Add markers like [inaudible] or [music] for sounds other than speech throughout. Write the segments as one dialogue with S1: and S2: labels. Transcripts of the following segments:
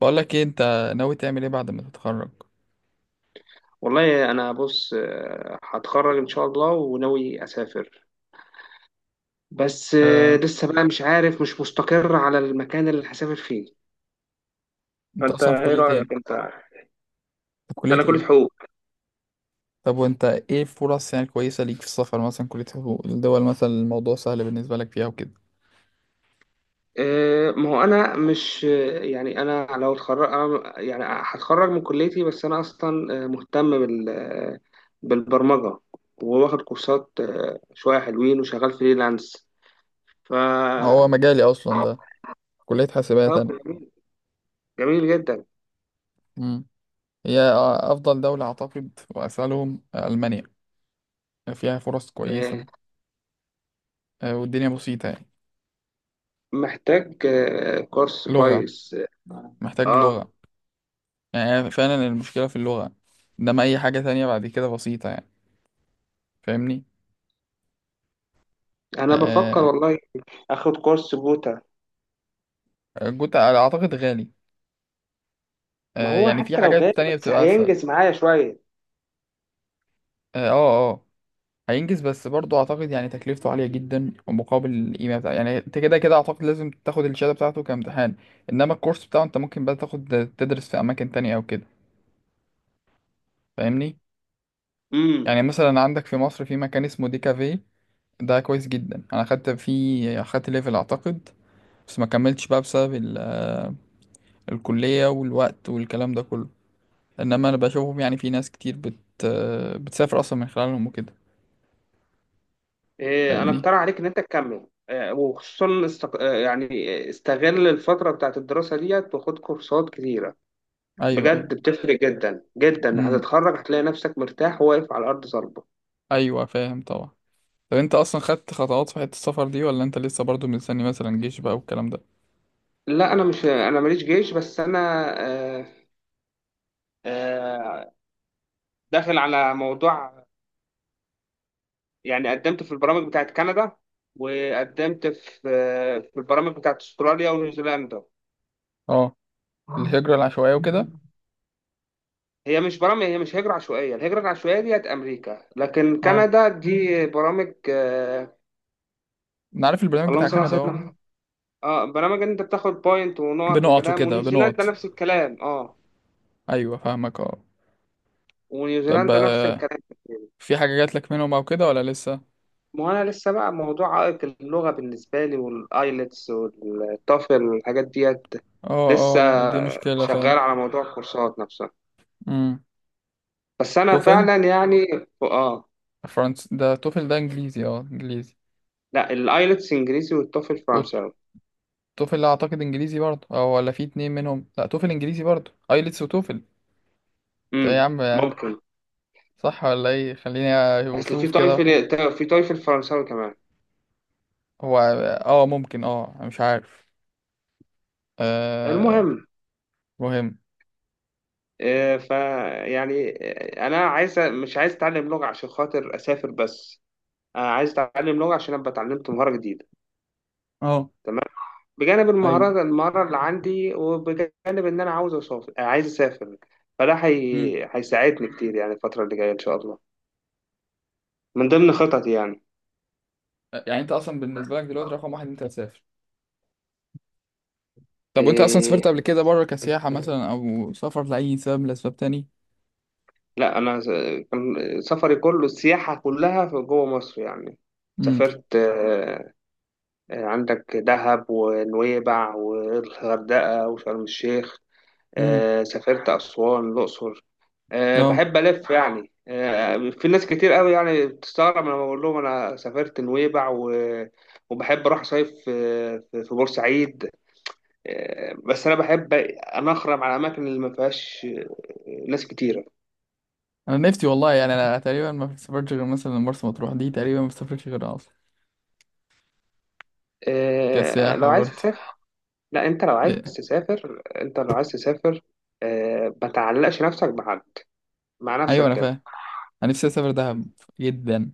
S1: بقول لك ايه انت ناوي تعمل ايه بعد ما تتخرج؟
S2: والله انا بص هتخرج ان شاء الله وناوي اسافر. بس
S1: آه،
S2: لسه بقى مش عارف، مش مستقر على المكان اللي هسافر فيه.
S1: انت
S2: فانت
S1: اصلا في
S2: ايه
S1: كلية ايه؟
S2: رايك انت؟
S1: في كلية
S2: انا كلية
S1: ايه؟
S2: حقوق.
S1: طب وانت ايه فرص يعني كويسة ليك في السفر، مثلا كلية حقوق الدول مثلا الموضوع سهل بالنسبة لك فيها وكده؟
S2: ما هو انا مش آه، يعني انا لو اتخرج، أنا يعني هتخرج من كليتي، بس انا اصلا مهتم بالبرمجه. وواخد كورسات شويه حلوين، وشغال فريلانس. ف
S1: ما هو مجالي اصلا ده، كلية حاسبات
S2: طب
S1: انا.
S2: جميل، جميل جدا.
S1: امم. هي افضل دولة اعتقد واسألهم المانيا، فيها فرص
S2: آه،
S1: كويسة. والدنيا بسيطة يعني.
S2: محتاج كورس
S1: لغة،
S2: كويس.
S1: محتاج
S2: اه
S1: لغة. يعني فعلا المشكلة في اللغة، انما اي حاجة تانية بعد كده بسيطة يعني. فاهمني؟
S2: انا بفكر
S1: آه،
S2: والله اخد كورس جوتا.
S1: الجوت اعتقد غالي.
S2: ما هو
S1: يعني في
S2: حتى لو
S1: حاجات
S2: غالي
S1: تانية
S2: بس
S1: بتبقى أسهل.
S2: هينجز معايا شويه.
S1: اه، اه، هينجز بس برضه أعتقد يعني تكلفته عالية جدا، ومقابل القيمة بتاعه يعني أنت كده كده أعتقد لازم تاخد الشهادة بتاعته كامتحان. إنما الكورس بتاعه أنت ممكن بقى تاخد تدرس في أماكن تانية أو كده. فاهمني؟
S2: امم
S1: يعني مثلا عندك في مصر في مكان اسمه دي كافيه، ده كويس جدا، أنا خدت فيه، خدت ليفل أعتقد، بس ما كملتش بقى بسبب الكلية والوقت والكلام ده كله. إنما أنا بشوفهم، يعني في ناس كتير بت آه، بتسافر أصلا من خلالهم وكده.
S2: إيه، انا
S1: فاهمني؟
S2: اقترح عليك ان انت تكمل، وخصوصا استق... آه، يعني استغل الفتره بتاعت الدراسه ديت وخد كورسات كتيره.
S1: أيوه، أيوه.
S2: بجد بتفرق جدا جدا.
S1: امم.
S2: هتتخرج هتلاقي نفسك مرتاح وواقف على ارض صلبه.
S1: ايوه فاهم طبعا. طب انت اصلا خدت خطوات في حته السفر دي، ولا انت لسه برضو مستني مثلا جيش بقى والكلام ده؟
S2: لا انا مش، انا ماليش جيش، بس انا آه، آه، داخل على موضوع. يعني قدمت في البرامج بتاعت كندا، وقدمت في البرامج بتاعت استراليا ونيوزيلندا.
S1: اه، الهجره العشوائيه وكده.
S2: هي مش برامج، هي مش هجرة عشوائية. الهجرة العشوائية ديت أمريكا، لكن
S1: اه،
S2: كندا دي برامج.
S1: انا عارف البرنامج
S2: اللهم
S1: بتاع
S2: صل على
S1: كندا،
S2: سيدنا
S1: اه.
S2: محمد. اه برامج إن انت بتاخد بوينت ونقط
S1: بنقط
S2: وكلام،
S1: وكده،
S2: ونيوزيلندا
S1: بنقط.
S2: نفس الكلام. اه
S1: ايوه فاهمك اه. طب
S2: ونيوزيلندا نفس الكلام.
S1: في حاجه جات لك منهم او كده، ولا لسه؟
S2: ما انا لسه بقى، موضوع عائق اللغه بالنسبه لي، والايلتس والتوفل والحاجات ديت
S1: اه.
S2: لسه.
S1: اه، دي مشكله فعلا.
S2: شغال على موضوع الكورسات نفسها.
S1: امم.
S2: بس انا
S1: توفل؟
S2: فعلا يعني. اه.
S1: فرنس ده، توفل ده انجليزي، اه انجليزي.
S2: لا، الايلتس انجليزي والتوفل فرنساوي.
S1: والتوفل اعتقد انجليزي برضه، او ولا في اتنين منهم؟ لا، توفل انجليزي برضه، ايلتس وتوفل. ده يا
S2: امم،
S1: عم.
S2: ممكن.
S1: صح ولا ايه؟ خليني
S2: اصل في
S1: اشوف كده واحد.
S2: تويفل، في تويفل فرنساوي كمان.
S1: هو. اه ممكن، اه أنا مش عارف. آه.
S2: المهم،
S1: مهم.
S2: آه، ف يعني انا عايز، مش عايز اتعلم لغه عشان خاطر اسافر بس، انا عايز اتعلم لغه عشان ابقى اتعلمت مهاره جديده.
S1: اه.
S2: تمام. بجانب
S1: ايوه.
S2: المهارة اللي عندي، وبجانب إن أنا عاوز أسافر عايز أسافر.
S1: مم.
S2: هيساعدني كتير يعني الفترة اللي جاية إن شاء الله. من ضمن خططي يعني.
S1: يعني انت اصلا بالنسبه لك دلوقتي رقم واحد إن انت هتسافر؟ طب وانت اصلا
S2: إيه...
S1: سافرت قبل كده بره كسياحه [laughs] مثلا، او سافر لاي سبب من اسباب تاني؟
S2: لا أنا س- كان سفري كله، السياحة كلها في جوه مصر يعني.
S1: امم.
S2: سافرت عندك دهب ونويبع والغردقة وشرم الشيخ.
S1: امم.
S2: سافرت أسوان، الأقصر.
S1: اه.
S2: بحب ألف يعني. في ناس كتير قوي يعني بتستغرب لما بقول لهم أنا سافرت نويبع وبحب أروح صيف في بورسعيد. بس أنا بحب أنا أخرم على الأماكن اللي ما فيهاش ناس كتيرة.
S1: انا نفسي والله، يعني انا تقريبا ما سافرتش غير مثلا مرسى مطروح، دي تقريبا ما سافرتش غيرها اصلا. كسياحه
S2: لو عايز
S1: برضه.
S2: تسافر، لا أنت لو عايز
S1: إيه.
S2: تسافر، أنت لو عايز تسافر ما تعلقش نفسك بحد، مع
S1: ايوه
S2: نفسك
S1: انا
S2: كده.
S1: فاهم. انا نفسي اسافر دهب جدا،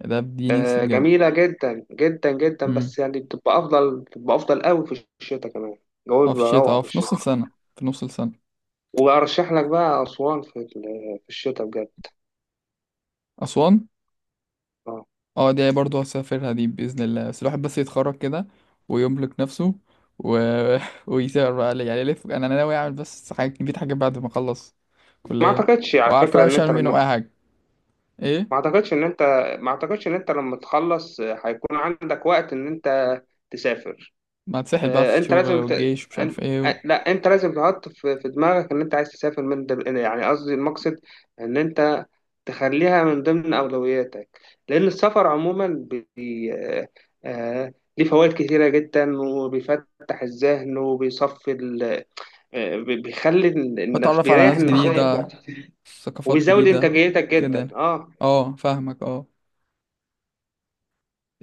S1: دهب دي نفسي بجد.
S2: جميلة جدا جدا جدا، بس يعني بتبقى أفضل، بتبقى أفضل قوي في الشتاء كمان. الجو
S1: اه في
S2: بيبقى
S1: الشتاء،
S2: روعة
S1: اه
S2: في
S1: في
S2: الشتاء.
S1: نص السنة، في نص السنة.
S2: وأرشح لك بقى أسوان في الشتاء بجد.
S1: أسوان.
S2: أه.
S1: اه، دي برضه هسافرها دي بإذن الله، بس الواحد بس يتخرج كده ويملك نفسه و... [laughs] ويسافر بقى، يعني يلف. أنا ناوي أعمل بس حاجة كبيرة، حاجات بعد ما أخلص
S2: ما
S1: كلية.
S2: أعتقدش على
S1: وعارف
S2: فكرة
S1: أنا
S2: إن
S1: مش هعمل
S2: أنت
S1: منهم
S2: لما،
S1: أي حاجة. إيه؟
S2: ما أعتقدش إن أنت، ما أعتقدش إن أنت لما تخلص هيكون عندك وقت إن أنت تسافر.
S1: ما هتسحل بقى
S2: آه،
S1: في
S2: انت
S1: الشغل
S2: لازم ت...
S1: والجيش ومش
S2: أن...
S1: عارف إيه
S2: آه،
S1: و...
S2: لا انت لازم تحط في دماغك ان انت عايز تسافر من يعني، يعني قصدي المقصد ان انت تخليها من ضمن اولوياتك. لان السفر عموما بي... آه، آه، ليه فوائد كتيرة جدا، وبيفتح الذهن، وبيصفي ال... آه، بي- بيخلي ال- النفس،
S1: وأتعرف على
S2: بيريح
S1: ناس
S2: النفسية.
S1: جديدة، ثقافات
S2: وبيزود
S1: جديدة،
S2: انتاجيتك
S1: كده
S2: جدا.
S1: يعني.
S2: اه.
S1: اه فاهمك اه.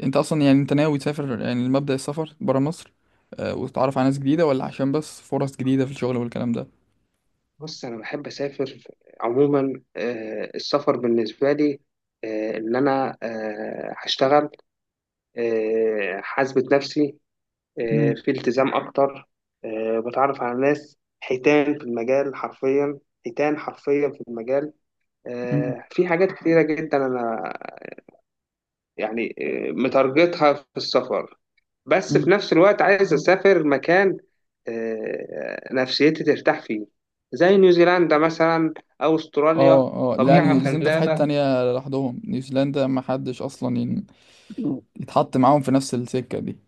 S1: انت اصلا يعني انت ناوي تسافر، يعني مبدأ السفر برا مصر وتتعرف على ناس جديدة، ولا عشان بس فرص جديدة في الشغل والكلام ده؟
S2: بص انا بحب اسافر عموما. السفر بالنسبة لي ان انا هشتغل، حاسبة نفسي
S1: مم.
S2: في التزام أكتر. بتعرف على ناس حيتان في المجال حرفيا، حيتان حرفيا في المجال.
S1: مم.
S2: في حاجات كتيرة جدا أنا يعني متارجتها في السفر. بس
S1: مم.
S2: في نفس الوقت عايز أسافر مكان نفسيتي ترتاح فيه. زي نيوزيلندا مثلا، أو أستراليا.
S1: اه، اه، لا يعني
S2: طبيعة
S1: نيوزيلندا في حتة
S2: خلابة.
S1: تانية لوحدهم، نيوزيلندا ما حدش اصلا يتحط معاهم في نفس السكة دي.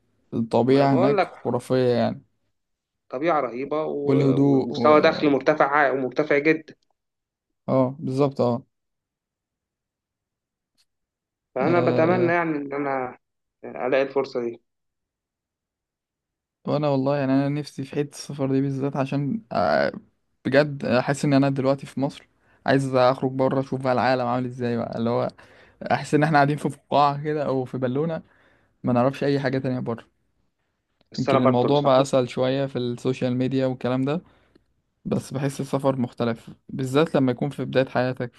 S2: ما أنا
S1: الطبيعة
S2: بقول
S1: هناك
S2: لك،
S1: خرافية يعني.
S2: طبيعة رهيبة
S1: والهدوء
S2: ومستوى
S1: و...
S2: دخل مرتفع، مرتفع جدا.
S1: اه بالظبط اه.
S2: فأنا بتمنى
S1: آه،
S2: يعني إن أنا ألاقي الفرصة دي.
S1: وانا والله يعني انا نفسي في حتة السفر دي بالذات عشان بجد احس ان انا دلوقتي في مصر، عايز اخرج بره اشوف بقى العالم عامل ازاي بقى، اللي هو احس ان احنا قاعدين في فقاعة كده او في بالونة، ما نعرفش اي حاجة تانية بره.
S2: بس أنا
S1: يمكن
S2: برضه
S1: الموضوع بقى
S2: بنصحك،
S1: اسهل شوية في السوشيال ميديا والكلام ده، بس بحس السفر مختلف بالذات لما يكون في بداية حياتك،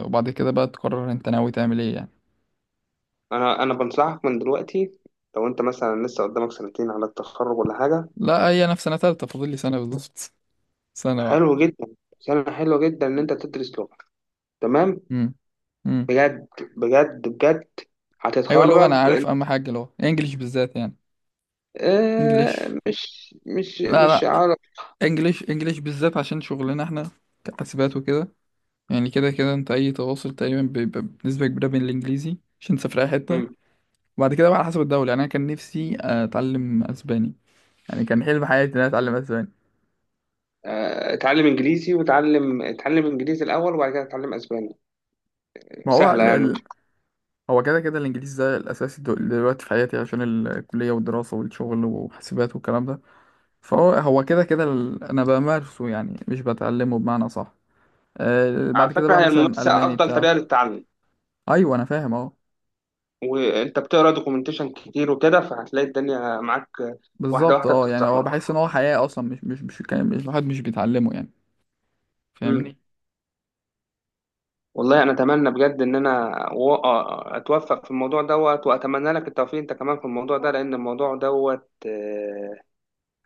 S1: وبعد كده بقى تقرر انت ناوي تعمل ايه يعني.
S2: أنا بنصحك من دلوقتي. لو أنت مثلا لسه قدامك سنتين على التخرج ولا حاجة.
S1: لا، هي انا في سنة تالتة، فاضل لي سنة بالظبط. [laughs] سنة
S2: حلو
S1: واحدة.
S2: جدا، سنة حلوة جدا إن أنت تدرس لغة. تمام.
S1: امم. امم.
S2: بجد، بجد، بجد.
S1: ايوه اللغة، انا
S2: هتتخرج.
S1: عارف اهم حاجة اللغة، انجليش بالذات يعني. انجليش.
S2: آه مش مش
S1: لا
S2: مش
S1: لا،
S2: عارف.
S1: انجليش، انجليش بالذات عشان شغلنا احنا كحاسبات وكده. يعني كده كده انت اي تواصل تقريبا بيبقى بنسبة كبيرة بين الانجليزي، عشان تسافر اي حتة.
S2: مم.
S1: وبعد كده بقى على حسب الدولة، يعني انا كان نفسي اتعلم اسباني، يعني كان حلم حياتي ان انا اتعلم اسباني.
S2: اتعلم انجليزي، وتعلم اتعلم انجليزي الاول، وبعد كده اتعلم اسباني.
S1: ما هو
S2: سهله يعني.
S1: هو كده كده الانجليزي ده الاساسي دلوقتي في حياتي عشان الكلية والدراسة والشغل وحاسبات والكلام ده. فهو هو كده كده ال-، انا بمارسه يعني مش بتعلمه بمعنى صح. آه
S2: على
S1: بعد كده
S2: فكره،
S1: بقى
S2: هي
S1: مثلا
S2: الممارسه
S1: الماني
S2: افضل
S1: بتاع.
S2: طريقه للتعلم.
S1: ايوه انا فاهم اه.
S2: وانت بتقرا دوكيومنتيشن كتير وكده، فهتلاقي الدنيا معاك. واحده
S1: بالظبط
S2: واحده
S1: اه، يعني هو
S2: بتتظبط.
S1: بحس ان هو حياة اصلا، مش الواحد مش بيتعلمه يعني.
S2: امم.
S1: فاهمني؟
S2: والله انا اتمنى بجد ان انا اتوفق في الموضوع دوت، واتمنى لك التوفيق انت كمان في الموضوع ده، لان الموضوع دوت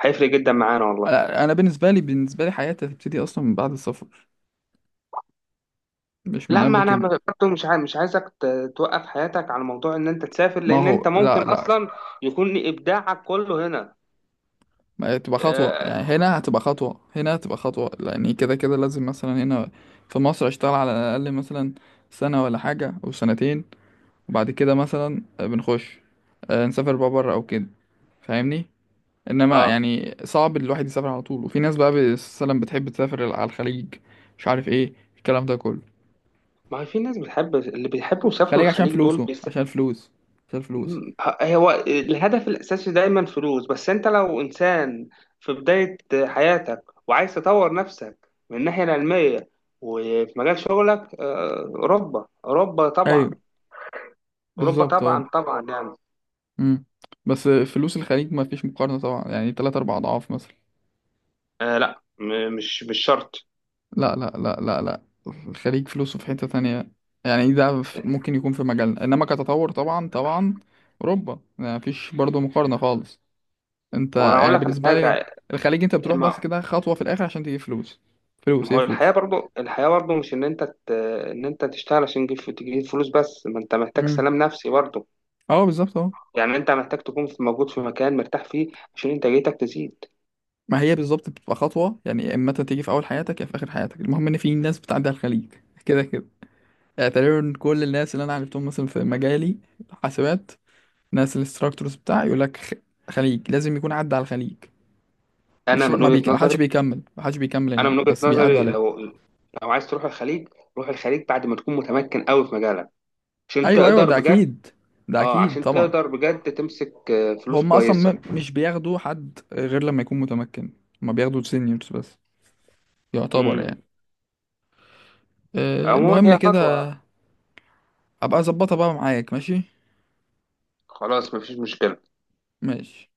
S2: هيفرق جدا معانا والله.
S1: أنا بالنسبه لي، بالنسبه لي حياتي هتبتدي اصلا من بعد السفر، مش من
S2: لا
S1: قبل
S2: ما انا
S1: كده.
S2: برضه مش عايز، مش عايزك ت- توقف حياتك على موضوع ان انت تسافر،
S1: ما
S2: لان انت
S1: هو
S2: ممكن
S1: لا لا.
S2: اصلا يكون ابداعك كله هنا.
S1: ما هي تبقى خطوه
S2: اه.
S1: يعني، هنا هتبقى خطوه، هنا هتبقى خطوه، لاني كده كده لازم مثلا هنا في مصر اشتغل على الاقل مثلا سنه ولا حاجه او سنتين، وبعد كده مثلا بنخش نسافر بقى بره او كده. فاهمني؟ انما
S2: آه.
S1: يعني صعب الواحد يسافر على طول. وفي ناس بقى مثلا بتحب تسافر على الخليج، مش عارف ايه، الكلام ده كله.
S2: ما هي في ناس بتحب، اللي بيحبوا يسافروا
S1: الخليج عشان
S2: الخليج دول
S1: فلوسه، عشان فلوس، عشان فلوس.
S2: هو الهدف الأساسي دايما فلوس. بس أنت لو إنسان في بداية حياتك، وعايز تطور نفسك من الناحية العلمية وفي مجال شغلك، أوروبا، أوروبا طبعا.
S1: أيوه.
S2: أوروبا
S1: بالظبط اه.
S2: طبعا، طبعا يعني.
S1: مم. بس فلوس الخليج ما فيش مقارنة طبعا، يعني تلات أربع أضعاف مثلا.
S2: آه لا مش شرط.
S1: لا لا لا لا لا، الخليج فلوسه في حتة تانية، يعني ده ف- ممكن يكون في مجالنا، إنما كتطور طبعا طبعا أوروبا ما فيش برضه مقارنة خالص. أنت
S2: ما هو أنا أقول
S1: يعني
S2: لك على
S1: بالنسبة لي
S2: حاجة.
S1: الخليج أنت بتروح بس
S2: ما
S1: كده خطوة في الآخر عشان تجيب فلوس. فلوس
S2: ما
S1: هي
S2: هو الحياة
S1: فلوس.
S2: برضو، الحياة برضو مش إن أنت تشتغل عشان تجيب فلوس بس، ما أنت محتاج
S1: مم.
S2: سلام نفسي برضو.
S1: اه بالظبط اه.
S2: يعني أنت محتاج تكون في، موجود في مكان مرتاح فيه عشان إنتاجيتك تزيد.
S1: ما هي بالظبط بتبقى خطوة يعني، يا إما أنت تيجي في أول حياتك، يا في آخر حياتك، المهم إن في ناس بتعدي على الخليج كده كده. يعني تقريبا كل الناس اللي انا عرفتهم مثلا في مجالي، حاسبات، ناس الانستراكتورز بتاعي يقول لك خليج لازم يكون عدى على الخليج.
S2: أنا
S1: مش
S2: من
S1: ما
S2: وجهة
S1: بيك... ما حدش
S2: نظري،
S1: بيكمل، ما حدش بيكمل
S2: انا
S1: هناك،
S2: من وجهة
S1: بس بيعدوا
S2: نظري،
S1: عليه.
S2: لو لو عايز تروح الخليج، روح الخليج بعد ما تكون متمكن قوي في مجالك، عشان
S1: ايوه ايوه
S2: تقدر
S1: ده
S2: بجد.
S1: اكيد، ده
S2: اه
S1: اكيد
S2: عشان
S1: طبعا.
S2: تقدر بجد تمسك فلوس
S1: هم اصلا
S2: كويسة.
S1: مش بياخدوا حد غير لما يكون متمكن، هم بياخدوا سينيورز بس، يعتبر
S2: امم.
S1: يعني. أه
S2: عموما
S1: المهم
S2: هي
S1: كده.
S2: خطوة.
S1: ابقى اظبطها بقى معاك. ماشي.
S2: خلاص مفيش مشكلة.
S1: ماشي.